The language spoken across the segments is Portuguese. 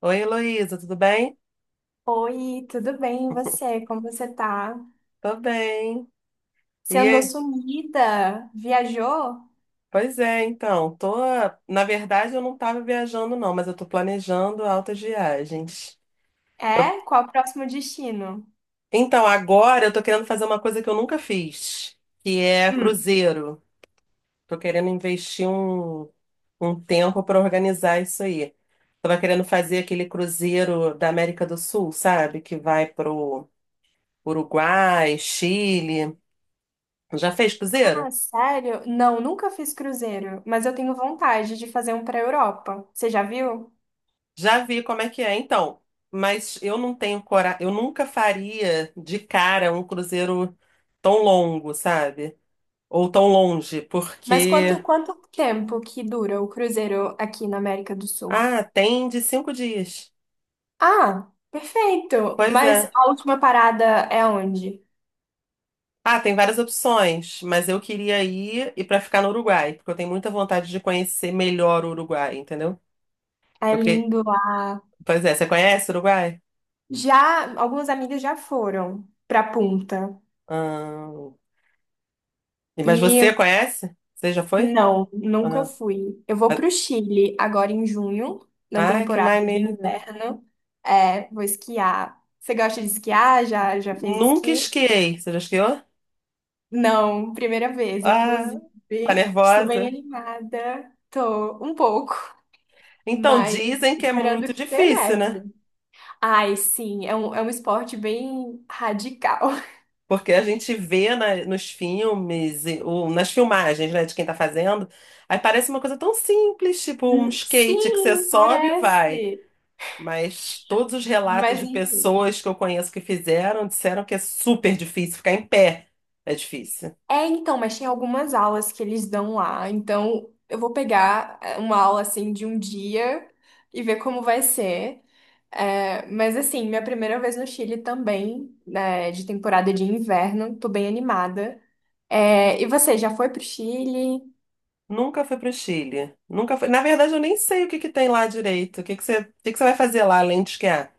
Oi, Heloísa, tudo bem? Oi, tudo bem? E você? Como você tá? Tô bem. Você E andou aí? sumida? Viajou? Pois é, então, tô, na verdade eu não tava viajando não, mas eu tô planejando altas viagens. Eu- É? Qual o próximo destino? Então, agora eu tô querendo fazer uma coisa que eu nunca fiz, que é Hum. cruzeiro. Tô querendo investir um tempo para organizar isso aí. Tava querendo fazer aquele cruzeiro da América do Sul, sabe? Que vai pro Uruguai, Chile. Já fez cruzeiro? Ah, sério? Não, nunca fiz cruzeiro, mas eu tenho vontade de fazer um para Europa. Você já viu? Já vi como é que é, então. Mas eu não tenho coragem, eu nunca faria de cara um cruzeiro tão longo, sabe? Ou tão longe, Mas quanto, porque. quanto tempo que dura o cruzeiro aqui na América do Sul? Ah, tem de 5 dias. Ah, perfeito! Pois Mas é. a última parada é onde? Ah, tem várias opções, mas eu queria ir e para ficar no Uruguai, porque eu tenho muita vontade de conhecer melhor o Uruguai, entendeu? É Eu que... lindo lá. Pois é, você conhece o Uruguai? Já, algumas amigas já foram pra Punta. Ah, Mas e você conhece? Você já foi? Não, nunca Ah, fui. Eu vou para o Chile agora em junho, na ah, que temporada de maneiro. inverno. É, vou esquiar. Você gosta de esquiar? Já fez Nunca esqui? esquiei. Você já esquiou? Não, primeira vez, Ah, inclusive. tá Estou bem nervosa? animada. Tô um pouco, Então, mas dizem que é esperando muito que tenha difícil, né? neve. Ai, sim, é um esporte bem radical. Porque a gente vê nos filmes, ou nas filmagens, né, de quem tá fazendo, aí parece uma coisa tão simples, tipo um skate que você sim, sobe e vai. parece. Mas todos os relatos Mas de enfim. pessoas que eu conheço que fizeram disseram que é super difícil ficar em pé. É difícil. É, então, mas tem algumas aulas que eles dão lá. Então, eu vou pegar é, uma aula assim de um dia e ver como vai ser. É, mas assim, minha primeira vez no Chile também, né, de temporada de inverno, tô bem animada. É, e você já foi pro Chile? Nunca fui pro Chile. Nunca fui. Na verdade, eu nem sei o que que tem lá direito. O que que você, o que que você vai fazer lá além de esquiar?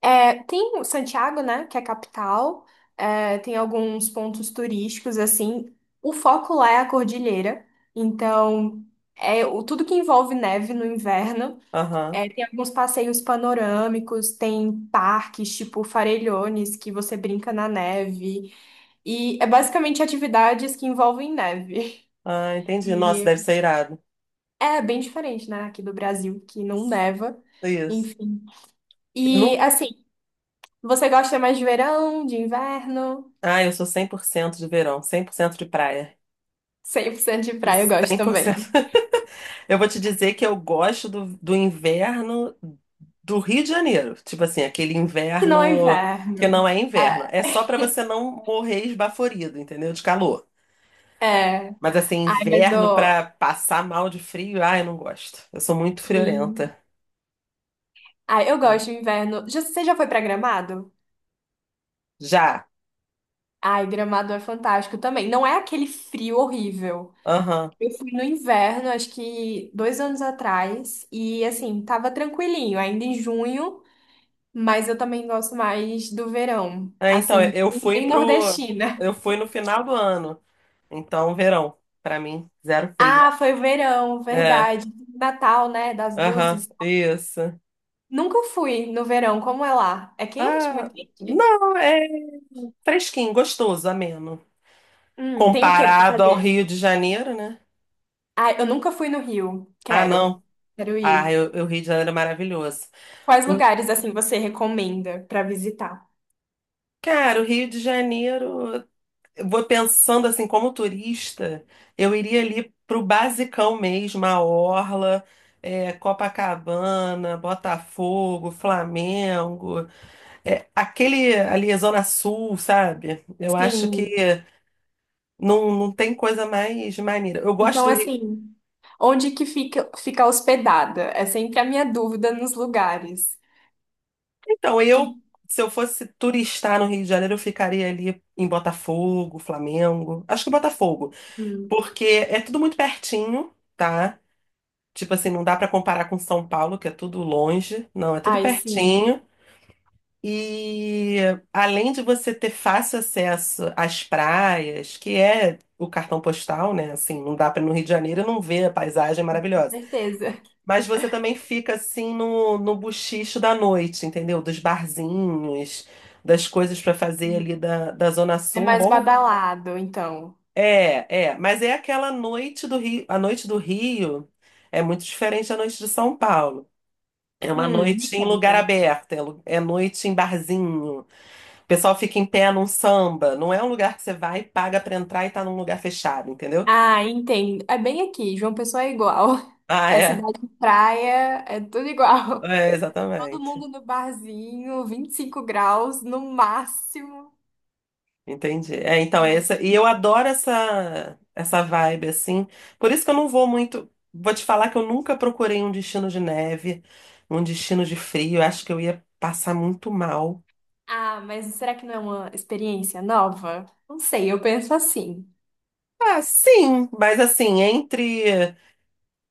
É, tem o Santiago, né, que é a capital. É, tem alguns pontos turísticos assim. O foco lá é a cordilheira. Então, tudo que envolve neve no inverno. Aham. É, tem alguns passeios panorâmicos, tem parques tipo Farellones, que você brinca na neve. E é basicamente atividades que envolvem neve. Ah, entendi. Nossa, E deve ser irado. é bem diferente, né, aqui do Brasil, que não neva. Isso. Enfim. Eu E não... assim, você gosta mais de verão, de inverno? Ah, eu sou 100% de verão, 100% de praia. Cem por cento de praia eu gosto cem por também. cento. Eu vou te dizer que eu gosto do inverno do Rio de Janeiro. Tipo assim, aquele Que não é inverno que inverno. não é inverno. É só pra você não morrer esbaforido, entendeu? De calor. É. É. Mas assim, Ai, mas inverno eu. pra passar mal de frio, ah, eu não gosto. Eu sou muito Sim. friorenta. Ai, eu gosto de inverno. Você já foi pra Gramado? Já. Ai, Gramado é fantástico também. Não é aquele frio horrível. Aham. Eu fui no inverno, acho que 2 anos atrás, e assim, tava tranquilinho, ainda em junho, mas eu também gosto mais do verão. É, então, Assim, eu fui bem pro. nordestina. Eu fui no final do ano. Então, verão, pra mim, zero frio. Ah, foi verão, É, verdade. Natal, né? Das aham, luzes. isso. Nunca fui no verão, como é lá? É quente? Ah, Muito quente? não, é fresquinho, gostoso, ameno. Tem o que pra Comparado ao fazer? Rio de Janeiro, né? Ah, eu nunca fui no Rio. Ah, Quero. não. Quero Ah, ir. O Rio de Janeiro é maravilhoso. Quais O- lugares assim você recomenda pra visitar? Cara, o Rio de Janeiro, eu vou pensando assim, como turista, eu iria ali pro basicão mesmo, a Orla, é, Copacabana, Botafogo, Flamengo. É, aquele ali, Zona Sul, sabe? Eu acho Sim. que não tem coisa mais maneira. Eu Então, gosto do Rio. assim, onde que fica hospedada? É sempre a minha dúvida nos lugares. Então, Que... eu, se eu fosse turistar no Rio de Janeiro, eu ficaria ali em Botafogo, Flamengo. Acho que Botafogo, Hum. porque é tudo muito pertinho, tá? Tipo assim, não dá pra comparar com São Paulo, que é tudo longe. Não, é tudo Ai, sim, pertinho. E além de você ter fácil acesso às praias, que é o cartão postal, né? Assim, não dá para ir no Rio de Janeiro e não ver a paisagem com maravilhosa. certeza. Mas você também fica assim no buchicho da noite, entendeu? Dos barzinhos, das coisas para fazer ali da Zona É Sul. Um mais bom, badalado, então. É. Mas é aquela noite do Rio. A noite do Rio é muito diferente da noite de São Paulo. É uma Me noite em lugar conta. aberto, é noite em barzinho. O pessoal fica em pé num samba. Não é um lugar que você vai, e paga pra entrar e tá num lugar fechado, entendeu? Ah, entendo. É bem aqui, João Pessoa é igual. Ah, É é. cidade de praia, é tudo igual. É, Todo exatamente. mundo no barzinho, 25 graus no máximo. Entendi. É, então, é No- essa. E eu adoro essa vibe, assim. Por isso que eu não vou muito. Vou te falar que eu nunca procurei um destino de neve, um destino de frio. Eu acho que eu ia passar muito mal. Ah, mas será que não é uma experiência nova? Não sei, eu penso assim. Ah, sim, mas assim, entre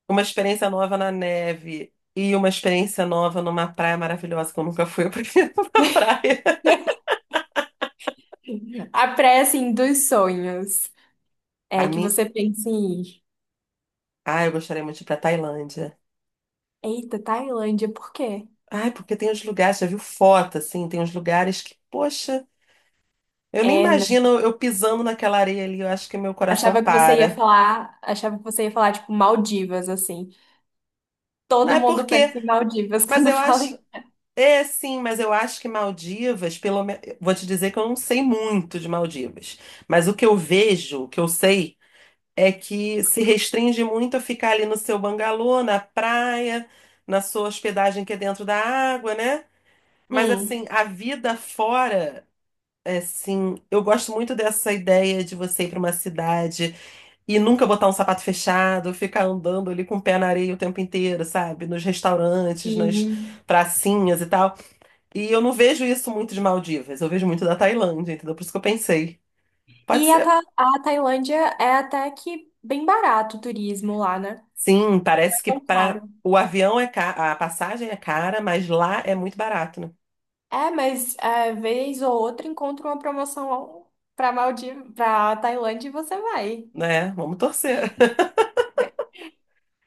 uma experiência nova na neve e uma experiência nova numa praia maravilhosa que eu nunca fui, eu prefiro uma praia. A praia, assim, dos sonhos. A É que minha você pensa em ir. Ah, eu gostaria muito de ir pra Tailândia. Eita, Tailândia, por quê? Ai, porque tem uns lugares, já viu foto, assim, tem uns lugares que, poxa, eu nem É, né? imagino eu pisando naquela areia ali, eu acho que meu coração Achava que você ia para. falar, achava que você ia falar, tipo, Maldivas, assim. Não Todo é mundo porque, pensa em Maldivas mas quando eu fala acho, em... é sim, mas eu acho que Maldivas, pelo menos, vou te dizer que eu não sei muito de Maldivas, mas o que eu vejo, o que eu sei, é que se restringe muito a ficar ali no seu bangalô, na praia, na sua hospedagem que é dentro da água, né? Mas assim, Hum, a vida fora é, sim. Eu gosto muito dessa ideia de você ir para uma cidade e nunca botar um sapato fechado, ficar andando ali com o pé na areia o tempo inteiro, sabe? Nos restaurantes, nas sim. pracinhas e tal. E eu não vejo isso muito de Maldivas, eu vejo muito da Tailândia, entendeu? Por isso que eu pensei. Pode E ser. A Tailândia é até que bem barato o turismo lá, né? Sim, Não parece é que tão para caro. o avião é ca... a passagem é cara, mas lá é muito barato, né? É, mas é, vez ou outra encontra uma promoção pra Tailândia e você vai. Né? Vamos torcer.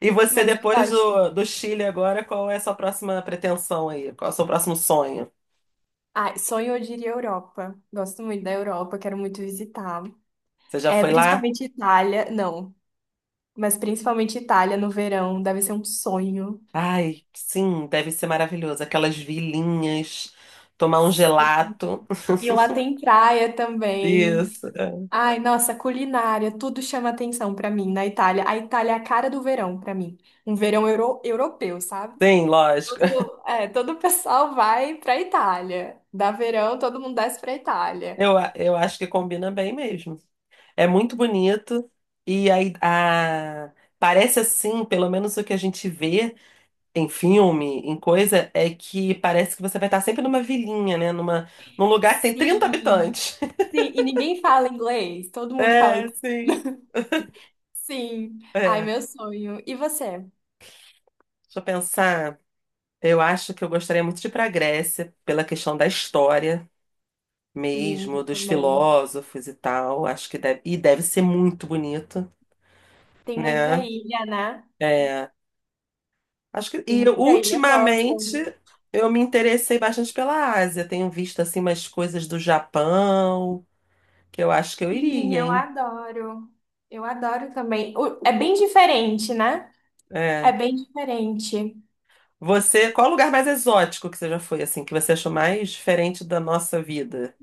E você, Mas eu depois gosto. Do Chile agora, qual é a sua próxima pretensão aí? Qual é o seu próximo sonho? Ah, sonho eu diria Europa. Gosto muito da Europa, quero muito visitar. Você já É, foi lá? principalmente Itália, não, mas principalmente Itália no verão, deve ser um sonho. Ai, sim, deve ser maravilhoso. Aquelas vilinhas, tomar um gelato. E lá tem praia também. Isso. É. Ai, nossa, culinária, tudo chama atenção pra mim na Itália. A Itália é a cara do verão pra mim. Um verão europeu, sabe? Sim, lógico. Todo o pessoal vai pra Itália. Dá verão, todo mundo desce pra Itália. Eu, eu acho que combina bem mesmo. É muito bonito e aí a, parece assim, pelo menos o que a gente vê em filme, em coisa, é que parece que você vai estar sempre numa vilinha, né? Numa, num lugar que tem 30 Sim. habitantes. Sim, e ninguém fala inglês, todo mundo fala. É, sim. Sim. Ai, É. meu sonho. E você? Deixa eu pensar. Eu acho que eu gostaria muito de ir para a Grécia, pela questão da história Lindo mesmo, dos também. filósofos e tal. Acho que deve, e deve ser muito bonito, Tem muita né? ilha, né? É, acho que, Tem e muita ilha, eu gosto. ultimamente eu me interessei bastante pela Ásia. Tenho visto assim umas coisas do Japão, que eu acho que eu Sim, iria, eu hein? adoro. Eu adoro também. É bem diferente, né? É É. bem diferente. Você, qual o lugar mais exótico que você já foi, assim, que você achou mais diferente da nossa vida?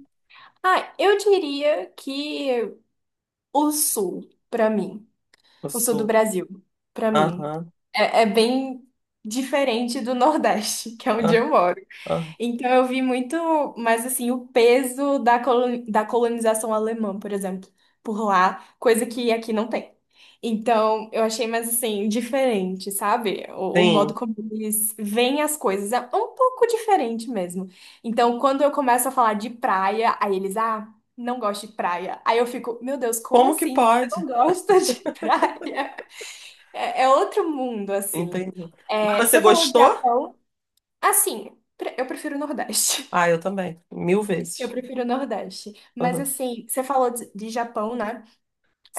Ah, eu diria que o sul, pra mim, O o sul do Sul. Brasil, pra mim, Aham, é bem diferente do Nordeste, que é onde ah, eu moro. ah. Então eu vi muito, mas assim, o peso da colonização alemã, por exemplo, por lá, coisa que aqui não tem. Então eu achei mais assim, diferente, sabe? O modo Sim. como eles veem as coisas é um pouco diferente mesmo. Então quando eu começo a falar de praia, aí eles, ah, não gosto de praia. Aí eu fico, meu Deus, como Como que assim? Você pode? não gosta de praia? É outro mundo, assim. Entendi. Mas É, você você falou de gostou? Japão, assim, eu prefiro o Nordeste. Ah, eu também. Mil Eu vezes. prefiro o Nordeste. Mas Aham. assim, você falou de Japão, né?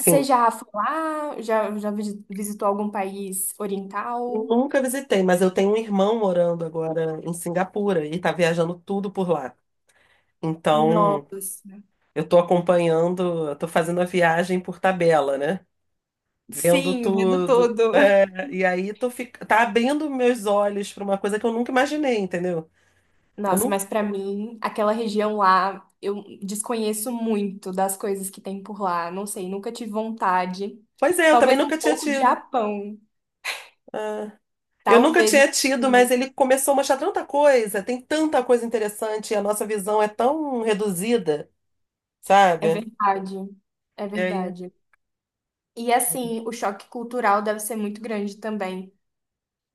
Você já foi lá? Visitou algum país oriental? Nunca visitei, mas eu tenho um irmão morando agora em Singapura e tá viajando tudo por lá. Então, Nossa. eu tô acompanhando, eu tô fazendo a viagem por tabela, né? Vendo Sim, vendo tudo. tudo. É, e aí tô fic... tá abrindo meus olhos pra uma coisa que eu nunca imaginei, entendeu? Eu Nossa, não... mas pra mim, aquela região lá, eu desconheço muito das coisas que tem por lá. Não sei, nunca tive vontade. Pois é, eu também Talvez um nunca tinha pouco de tido. Japão. É. Eu nunca Talvez, mas tinha tido, mas assim, ele começou a mostrar tanta coisa, tem tanta coisa interessante, e a nossa visão é tão reduzida, é sabe? verdade. É E aí... verdade. E assim, o choque cultural deve ser muito grande também.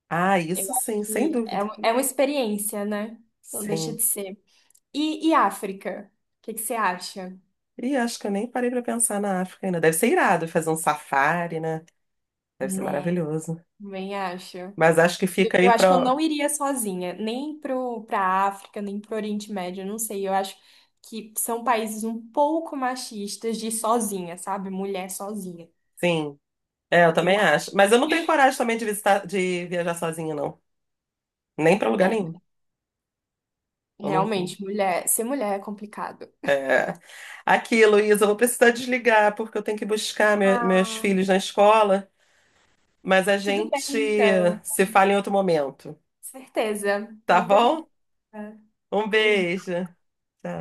Ah, Eu isso acho sim, sem que é, dúvida. É uma experiência, né? Não deixa Sim. de ser. E África? O que que você acha? E acho que eu nem parei pra pensar na África ainda. Deve ser irado fazer um safari, né? Deve ser Né, maravilhoso. também acho. Mas acho que Eu, fica eu aí acho que eu pra. não iria sozinha, nem pra África, nem pro Oriente Médio, eu não sei. Eu acho que são países um pouco machistas de ir sozinha, sabe? Mulher sozinha, Sim. É, eu eu também acho. acho. Mas eu não tenho coragem também de visitar, de viajar sozinha, não. Nem pra lugar É, nenhum. Eu não. realmente, mulher, ser mulher é complicado. É. Aqui, Luísa, eu vou precisar desligar porque eu tenho que buscar meus Ah, filhos na escola, mas a tudo gente bem, então. se fala em outro momento, Certeza. tá Muito bom? obrigada. Um Beijinho. beijo. Tchau.